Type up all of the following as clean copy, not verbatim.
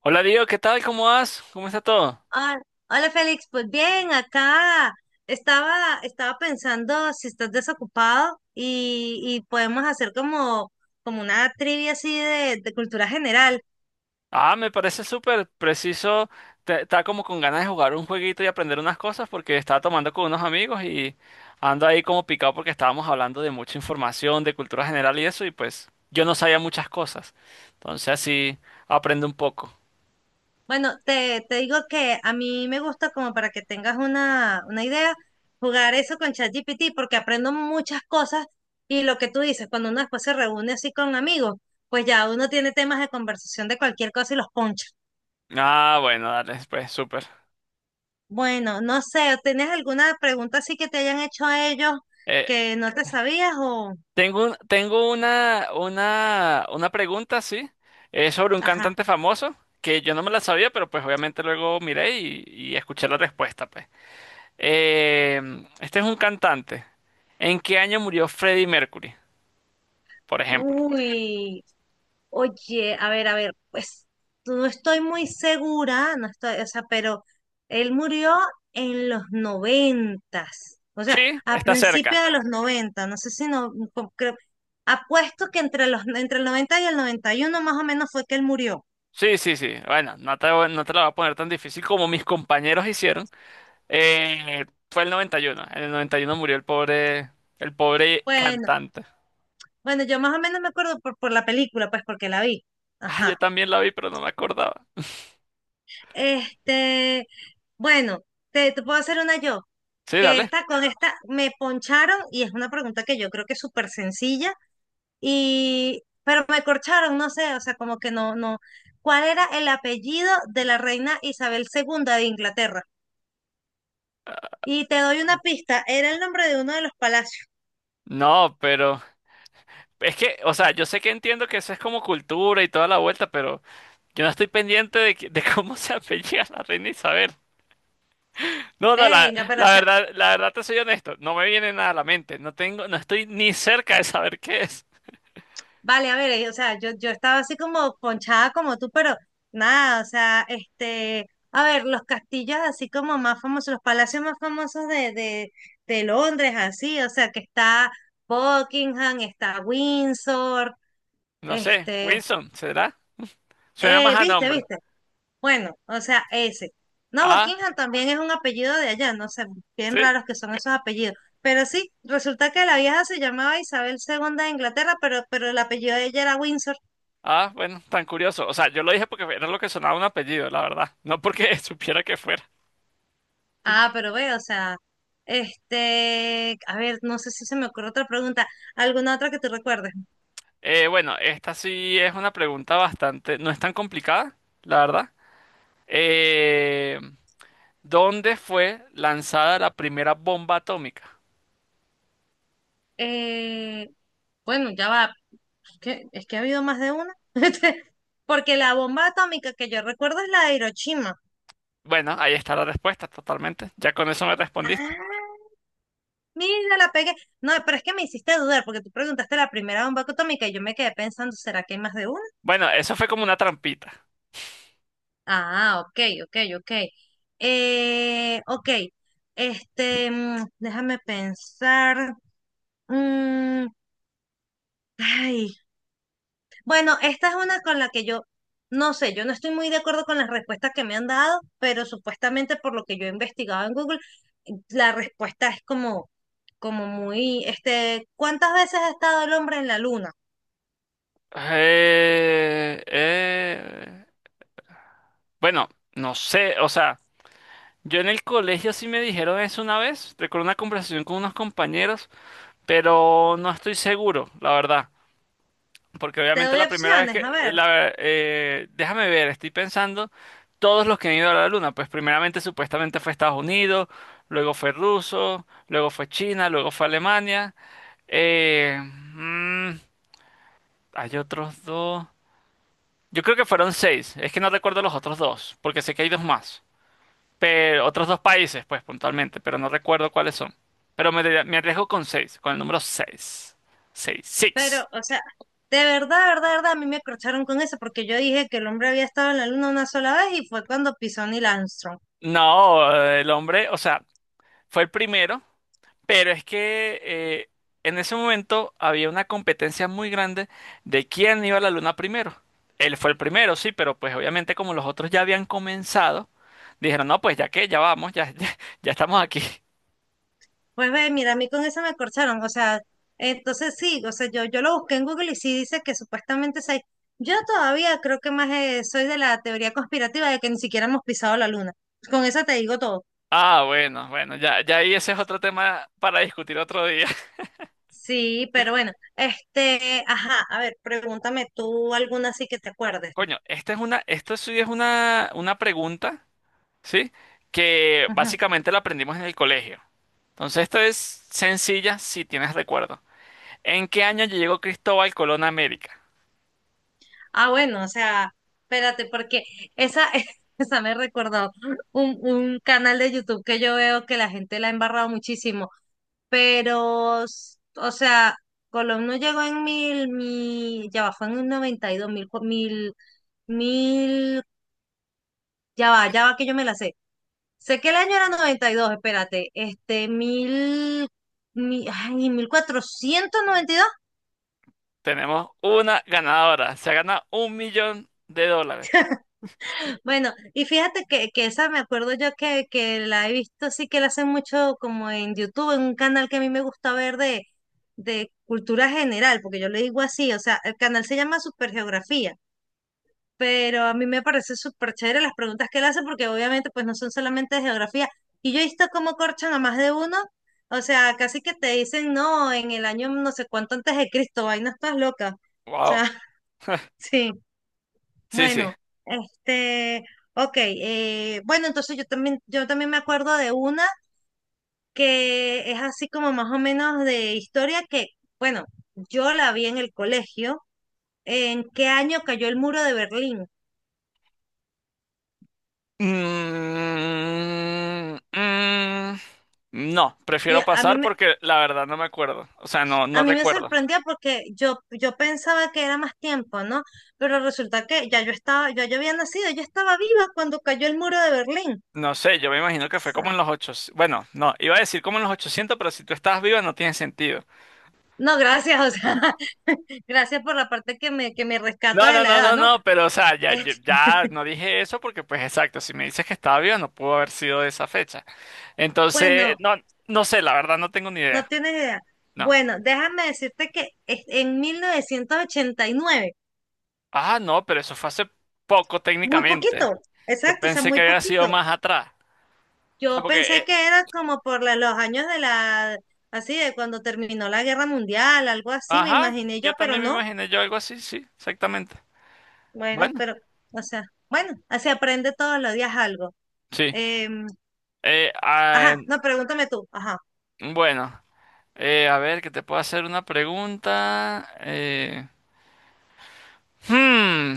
Hola Diego, ¿qué tal? ¿Cómo vas? ¿Cómo está todo? Ah, Hola Félix, pues bien, acá estaba pensando si estás desocupado y podemos hacer como una trivia así de cultura general. Ah, me parece súper preciso. Estaba como con ganas de jugar un jueguito y aprender unas cosas porque estaba tomando con unos amigos y ando ahí como picado porque estábamos hablando de mucha información, de cultura general y eso, y pues yo no sabía muchas cosas. Entonces así aprendo un poco. Bueno, te digo que a mí me gusta como para que tengas una idea, jugar eso con ChatGPT porque aprendo muchas cosas y lo que tú dices, cuando uno después se reúne así con amigos, pues ya uno tiene temas de conversación de cualquier cosa y los poncha. Ah, bueno, dale, pues súper. Bueno, no sé, ¿tienes alguna pregunta así que te hayan hecho ellos Eh, que no te sabías o? tengo una pregunta, sí, sobre un Ajá. cantante famoso que yo no me la sabía, pero pues obviamente luego miré y escuché la respuesta, pues. Este es un cantante. ¿En qué año murió Freddie Mercury, por ejemplo? Uy, oye, a ver, pues no estoy muy segura, no estoy, o sea, pero él murió en los noventas, o sea, Sí, a está principios cerca. de los noventa, no sé si no, creo, apuesto que entre el noventa y el noventa y uno más o menos fue que él murió. Sí, sí, sí. Bueno, no te la voy a poner tan difícil como mis compañeros hicieron. Eh, Fue el 91. En el 91 murió el pobre Bueno, cantante. bueno, yo más o menos me acuerdo por la película, pues porque la vi. Ah, yo Ajá. también la vi, pero no me acordaba. Este, bueno, te puedo hacer una yo, Sí, que dale. esta con esta me poncharon y es una pregunta que yo creo que es súper sencilla y pero me corcharon, no sé, o sea, como que no, no. ¿Cuál era el apellido de la reina Isabel II de Inglaterra? Y te doy una pista, era el nombre de uno de los palacios. No, pero es que, o sea, yo sé que entiendo que eso es como cultura y toda la vuelta, pero yo no estoy pendiente de cómo se apellida la reina Isabel. No, no, la, Venga, pero o la sea, verdad, la verdad te soy honesto, no me viene nada a la mente, no tengo, no estoy ni cerca de saber qué es. vale, a ver, o sea, yo estaba así como ponchada como tú, pero nada, o sea, a ver, los castillos así como más famosos, los palacios más famosos de Londres, así, o sea, que está Buckingham, está Windsor, No sé, este, Wilson, ¿será? Suena más a viste, nombre. viste, bueno, o sea, ese. No, Ah, Buckingham también es un apellido de allá, no sé, bien sí. raros que son esos apellidos. Pero sí, resulta que la vieja se llamaba Isabel II de Inglaterra, pero el apellido de ella era Windsor. Ah, bueno, tan curioso. O sea, yo lo dije porque era lo que sonaba un apellido, la verdad, no porque supiera que fuera. Ah, pero ve, o sea, a ver, no sé si se me ocurre otra pregunta, alguna otra que te recuerdes. Bueno, esta sí es una pregunta bastante, no es tan complicada, la verdad. Eh, ¿Dónde fue lanzada la primera bomba atómica? Eh, bueno, ya va, es que ha habido más de una, porque la bomba atómica que yo recuerdo es la de Hiroshima. Bueno, ahí está la respuesta, totalmente. Ya con eso me respondiste. Ah, mira, la pegué. No, pero es que me hiciste dudar, porque tú preguntaste la primera bomba atómica y yo me quedé pensando, ¿será que hay más de una? Bueno, eso fue como una trampita. Ah, ok, ok, ok. Ok, déjame pensar. Mm, ay, Bueno, esta es una con la que yo, no sé, yo no estoy muy de acuerdo con las respuestas que me han dado, pero supuestamente por lo que yo he investigado en Google, la respuesta es como muy, ¿cuántas veces ha estado el hombre en la luna? Eh, eh, bueno, no sé, o sea, yo en el colegio sí me dijeron eso una vez, recuerdo una conversación con unos compañeros, pero no estoy seguro, la verdad. Porque Te obviamente doy la primera vez opciones, que... a ver, déjame ver, estoy pensando todos los que han ido a la Luna. Pues primeramente supuestamente fue Estados Unidos, luego fue ruso, luego fue China, luego fue Alemania. Eh, mm, hay otros dos. Yo creo que fueron seis. Es que no recuerdo los otros dos, porque sé que hay dos más. Pero otros dos países, pues puntualmente, pero no recuerdo cuáles son. Pero me arriesgo con seis, con el número seis. Seis. pero, Six. o sea, de verdad, de verdad, de verdad, a mí me acrocharon con eso porque yo dije que el hombre había estado en la luna una sola vez y fue cuando pisó Neil Armstrong. No, el hombre, o sea, fue el primero, pero es que en ese momento había una competencia muy grande de quién iba a la luna primero. Él fue el primero, sí, pero pues obviamente como los otros ya habían comenzado, dijeron, no, pues ya que, ya vamos, ya, ya, ya estamos aquí. Pues ve, mira, a mí con eso me acorcharon, o sea, entonces sí, o sea, yo lo busqué en Google y sí dice que supuestamente seis. Yo todavía creo que más soy de la teoría conspirativa de que ni siquiera hemos pisado la luna. Pues con eso te digo todo. Ah, bueno, bueno, ya, ya ahí ese es otro tema para discutir otro día. Sí, pero bueno, ajá, a ver, pregúntame tú alguna así que te acuerdes. Coño, esto sí es una pregunta, ¿sí? Que Ajá. básicamente la aprendimos en el colegio. Entonces, esto es sencilla si tienes recuerdo. ¿En qué año llegó Cristóbal Colón a América? Ah, bueno, o sea, espérate, porque esa, esa me recordó un canal de YouTube que yo veo que la gente la ha embarrado muchísimo pero, o sea, Colón no llegó en ya va, fue en un 92, mil, cu- mil, mil, ya va que yo me la sé. Sé que el año era noventa y dos. Espérate, 1492. Tenemos una ganadora. Se gana un millón de dólares. Bueno, y fíjate que, esa me acuerdo yo que la he visto, sí que la hacen mucho como en YouTube, en un canal que a mí me gusta ver de cultura general, porque yo le digo así, o sea, el canal se llama Supergeografía. Pero a mí me parece súper chévere las preguntas que él hace porque obviamente pues no son solamente de geografía. Y yo he visto cómo corchan a más de uno, o sea, casi que te dicen, no, en el año no sé cuánto antes de Cristo, ay, no estás loca. O sea, Wow. sí, Sí, sí. bueno, este, ok, bueno, entonces yo también me acuerdo de una que es así como más o menos de historia que, bueno, yo la vi en el colegio, ¿en qué año cayó el muro de Berlín? Mm, mm, no, Y prefiero a mí, pasar me porque la verdad no me acuerdo. O sea, no, A no mí me recuerdo. sorprendía porque yo pensaba que era más tiempo, ¿no? Pero resulta que ya yo estaba, yo había nacido, yo estaba viva cuando cayó el muro de Berlín. No sé, yo me imagino que fue como en Sea, los 800. Bueno, no, iba a decir como en los 800, pero si tú estás viva no tiene sentido. no, gracias, o sea, gracias por la parte que me rescata No, de no, la no, edad, no, ¿no? no, pero o sea, ya, Este, ya no dije eso porque pues exacto, si me dices que estaba viva no pudo haber sido de esa fecha. Entonces, bueno, no, no sé, la verdad no tengo ni no idea. tienes idea. No. Bueno, déjame decirte que en 1989. Ah, no, pero eso fue hace poco Muy técnicamente. poquito, Yo exacto, o sea, pensé que muy había sido poquito. más atrás. O sea, Yo porque, pensé que era como los años de la, así, de cuando terminó la Guerra Mundial, algo así, me ajá, imaginé yo, yo pero también me no. imaginé yo algo así, sí, exactamente. Bueno, Bueno, pero, o sea, bueno, así aprende todos los días algo. sí. Em, Ah, ajá, no, pregúntame tú. Ajá. bueno, a ver, que te puedo hacer una pregunta. Hmm.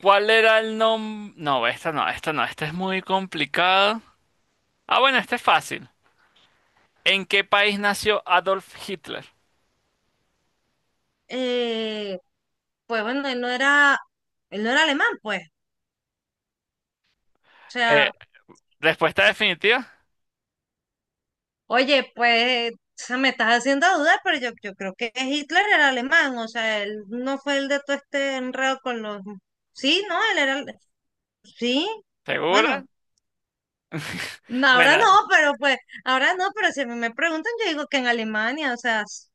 ¿Cuál era el nombre? No, esta no, esta no, esta es muy complicada. Ah, bueno, esta es fácil. ¿En qué país nació Adolf Hitler? Eh, pues bueno, él no era alemán, pues. O Eh, sea, respuesta definitiva, oye, pues, o sea, me estás haciendo dudar, pero yo creo que Hitler era alemán, o sea, él no fue el de todo este enredo con los. Sí, no, él era. Sí, ¿segura? bueno. No, ahora no, Bueno, pero pues, ahora no, pero si a mí me preguntan, yo digo que en Alemania, o sea, s-.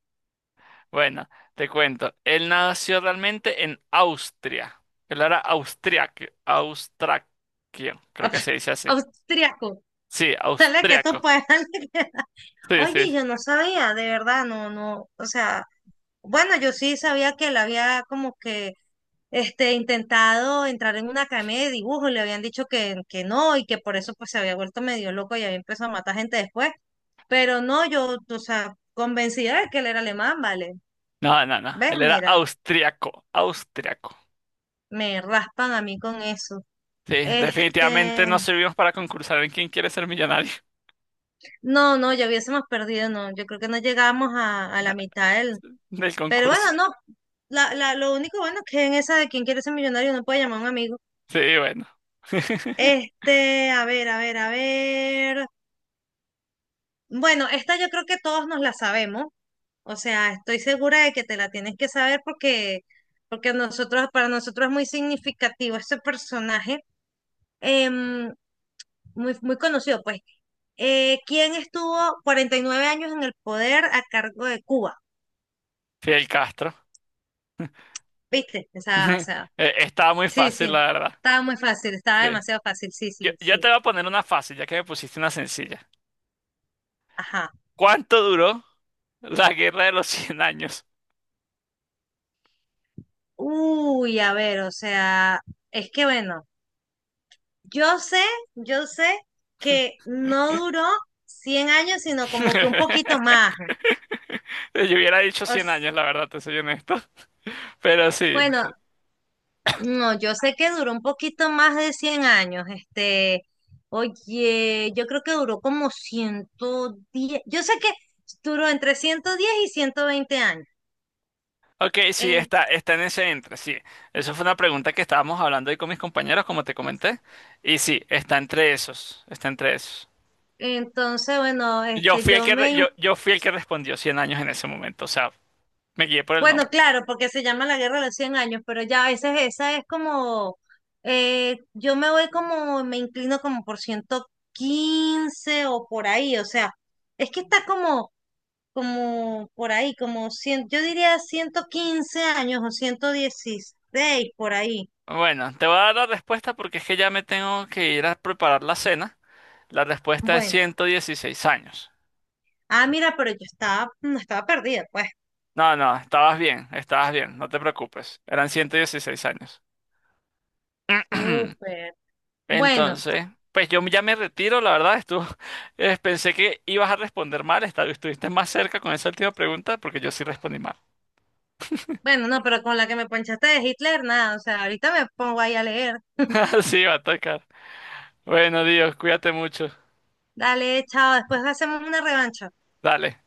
bueno, te cuento. Él nació realmente en Austria. Él era austriaco, austraquio, creo Ah, que pf, se dice así. austriaco, Sí, dale que tú austriaco. puedes, dale que- Sí, sí. Oye, Sí. yo no sabía, de verdad, no, no, o sea, bueno, yo sí sabía que él había como que, intentado entrar en una academia de dibujo, y le habían dicho que no, y que por eso pues se había vuelto medio loco y había empezado a matar gente después, pero no, yo, o sea, convencida de que él era alemán, vale, No, no, no. ves, Él era mira, austriaco, austriaco. me raspan a mí con eso. Sí, definitivamente Este, no servimos para concursar en quién quiere ser millonario. no, no, ya hubiésemos perdido, no, yo creo que no llegamos a la mitad del, Del pero bueno, concurso. no, lo único bueno es que en esa de quién quiere ser millonario no puede llamar a un amigo. Sí, bueno. A ver, a ver, a ver. Bueno, esta yo creo que todos nos la sabemos, o sea, estoy segura de que te la tienes que saber porque, nosotros, para nosotros es muy significativo este personaje. Em, Muy, muy conocido, pues. ¿Quién estuvo 49 años en el poder a cargo de Cuba? Fidel Castro. ¿Viste? O sea, estaba muy sí, fácil, la sí. verdad. Estaba muy fácil, estaba Sí. demasiado fácil, sí, Yo, sí, yo sí. te voy a poner una fácil, ya que me pusiste una sencilla. Ajá. ¿Cuánto duró la guerra de los 100 años? Uy, a ver, o sea, es que bueno, yo sé, yo sé que no duró 100 años, sino como que un poquito más. Yo hubiera dicho O cien s- años, la verdad, te soy honesto. Pero sí. bueno, Sí. no, yo sé que duró un poquito más de 100 años. Oye, yo creo que duró como 110. Yo sé que duró entre 110 y 120 años. Ok, sí, Eh, está en ese entre, sí. Eso fue una pregunta que estábamos hablando ahí con mis compañeros, como te comenté. Y sí, está entre esos. Está entre esos. entonces, bueno, Yo este, fui el yo que, me... re- in- yo, yo fui el que respondió 100 años en ese momento. O sea, me guié por el Bueno, nombre. claro, porque se llama la Guerra de los Cien años, pero ya a veces esa es como. Yo me voy como, me inclino como por 115 o por ahí. O sea, es que está Como por ahí, como cien, yo diría 115 años o 116 por ahí. Bueno, te voy a dar la respuesta porque es que ya me tengo que ir a preparar la cena. La respuesta es Bueno, 116 años. ah, mira, pero yo estaba, no estaba perdida, pues, No, no, estabas bien, no te preocupes. Eran 116 años. súper. Bueno, Entonces, pues yo ya me retiro, la verdad, estuvo, pensé que ibas a responder mal, estuviste más cerca con esa última pregunta porque yo sí respondí mal. bueno, no, pero con la que me ponchaste de Hitler, nada, o sea, ahorita me pongo ahí a leer. Sí, va a tocar. Bueno, Dios, cuídate mucho. Dale, chao, después hacemos una revancha. Dale.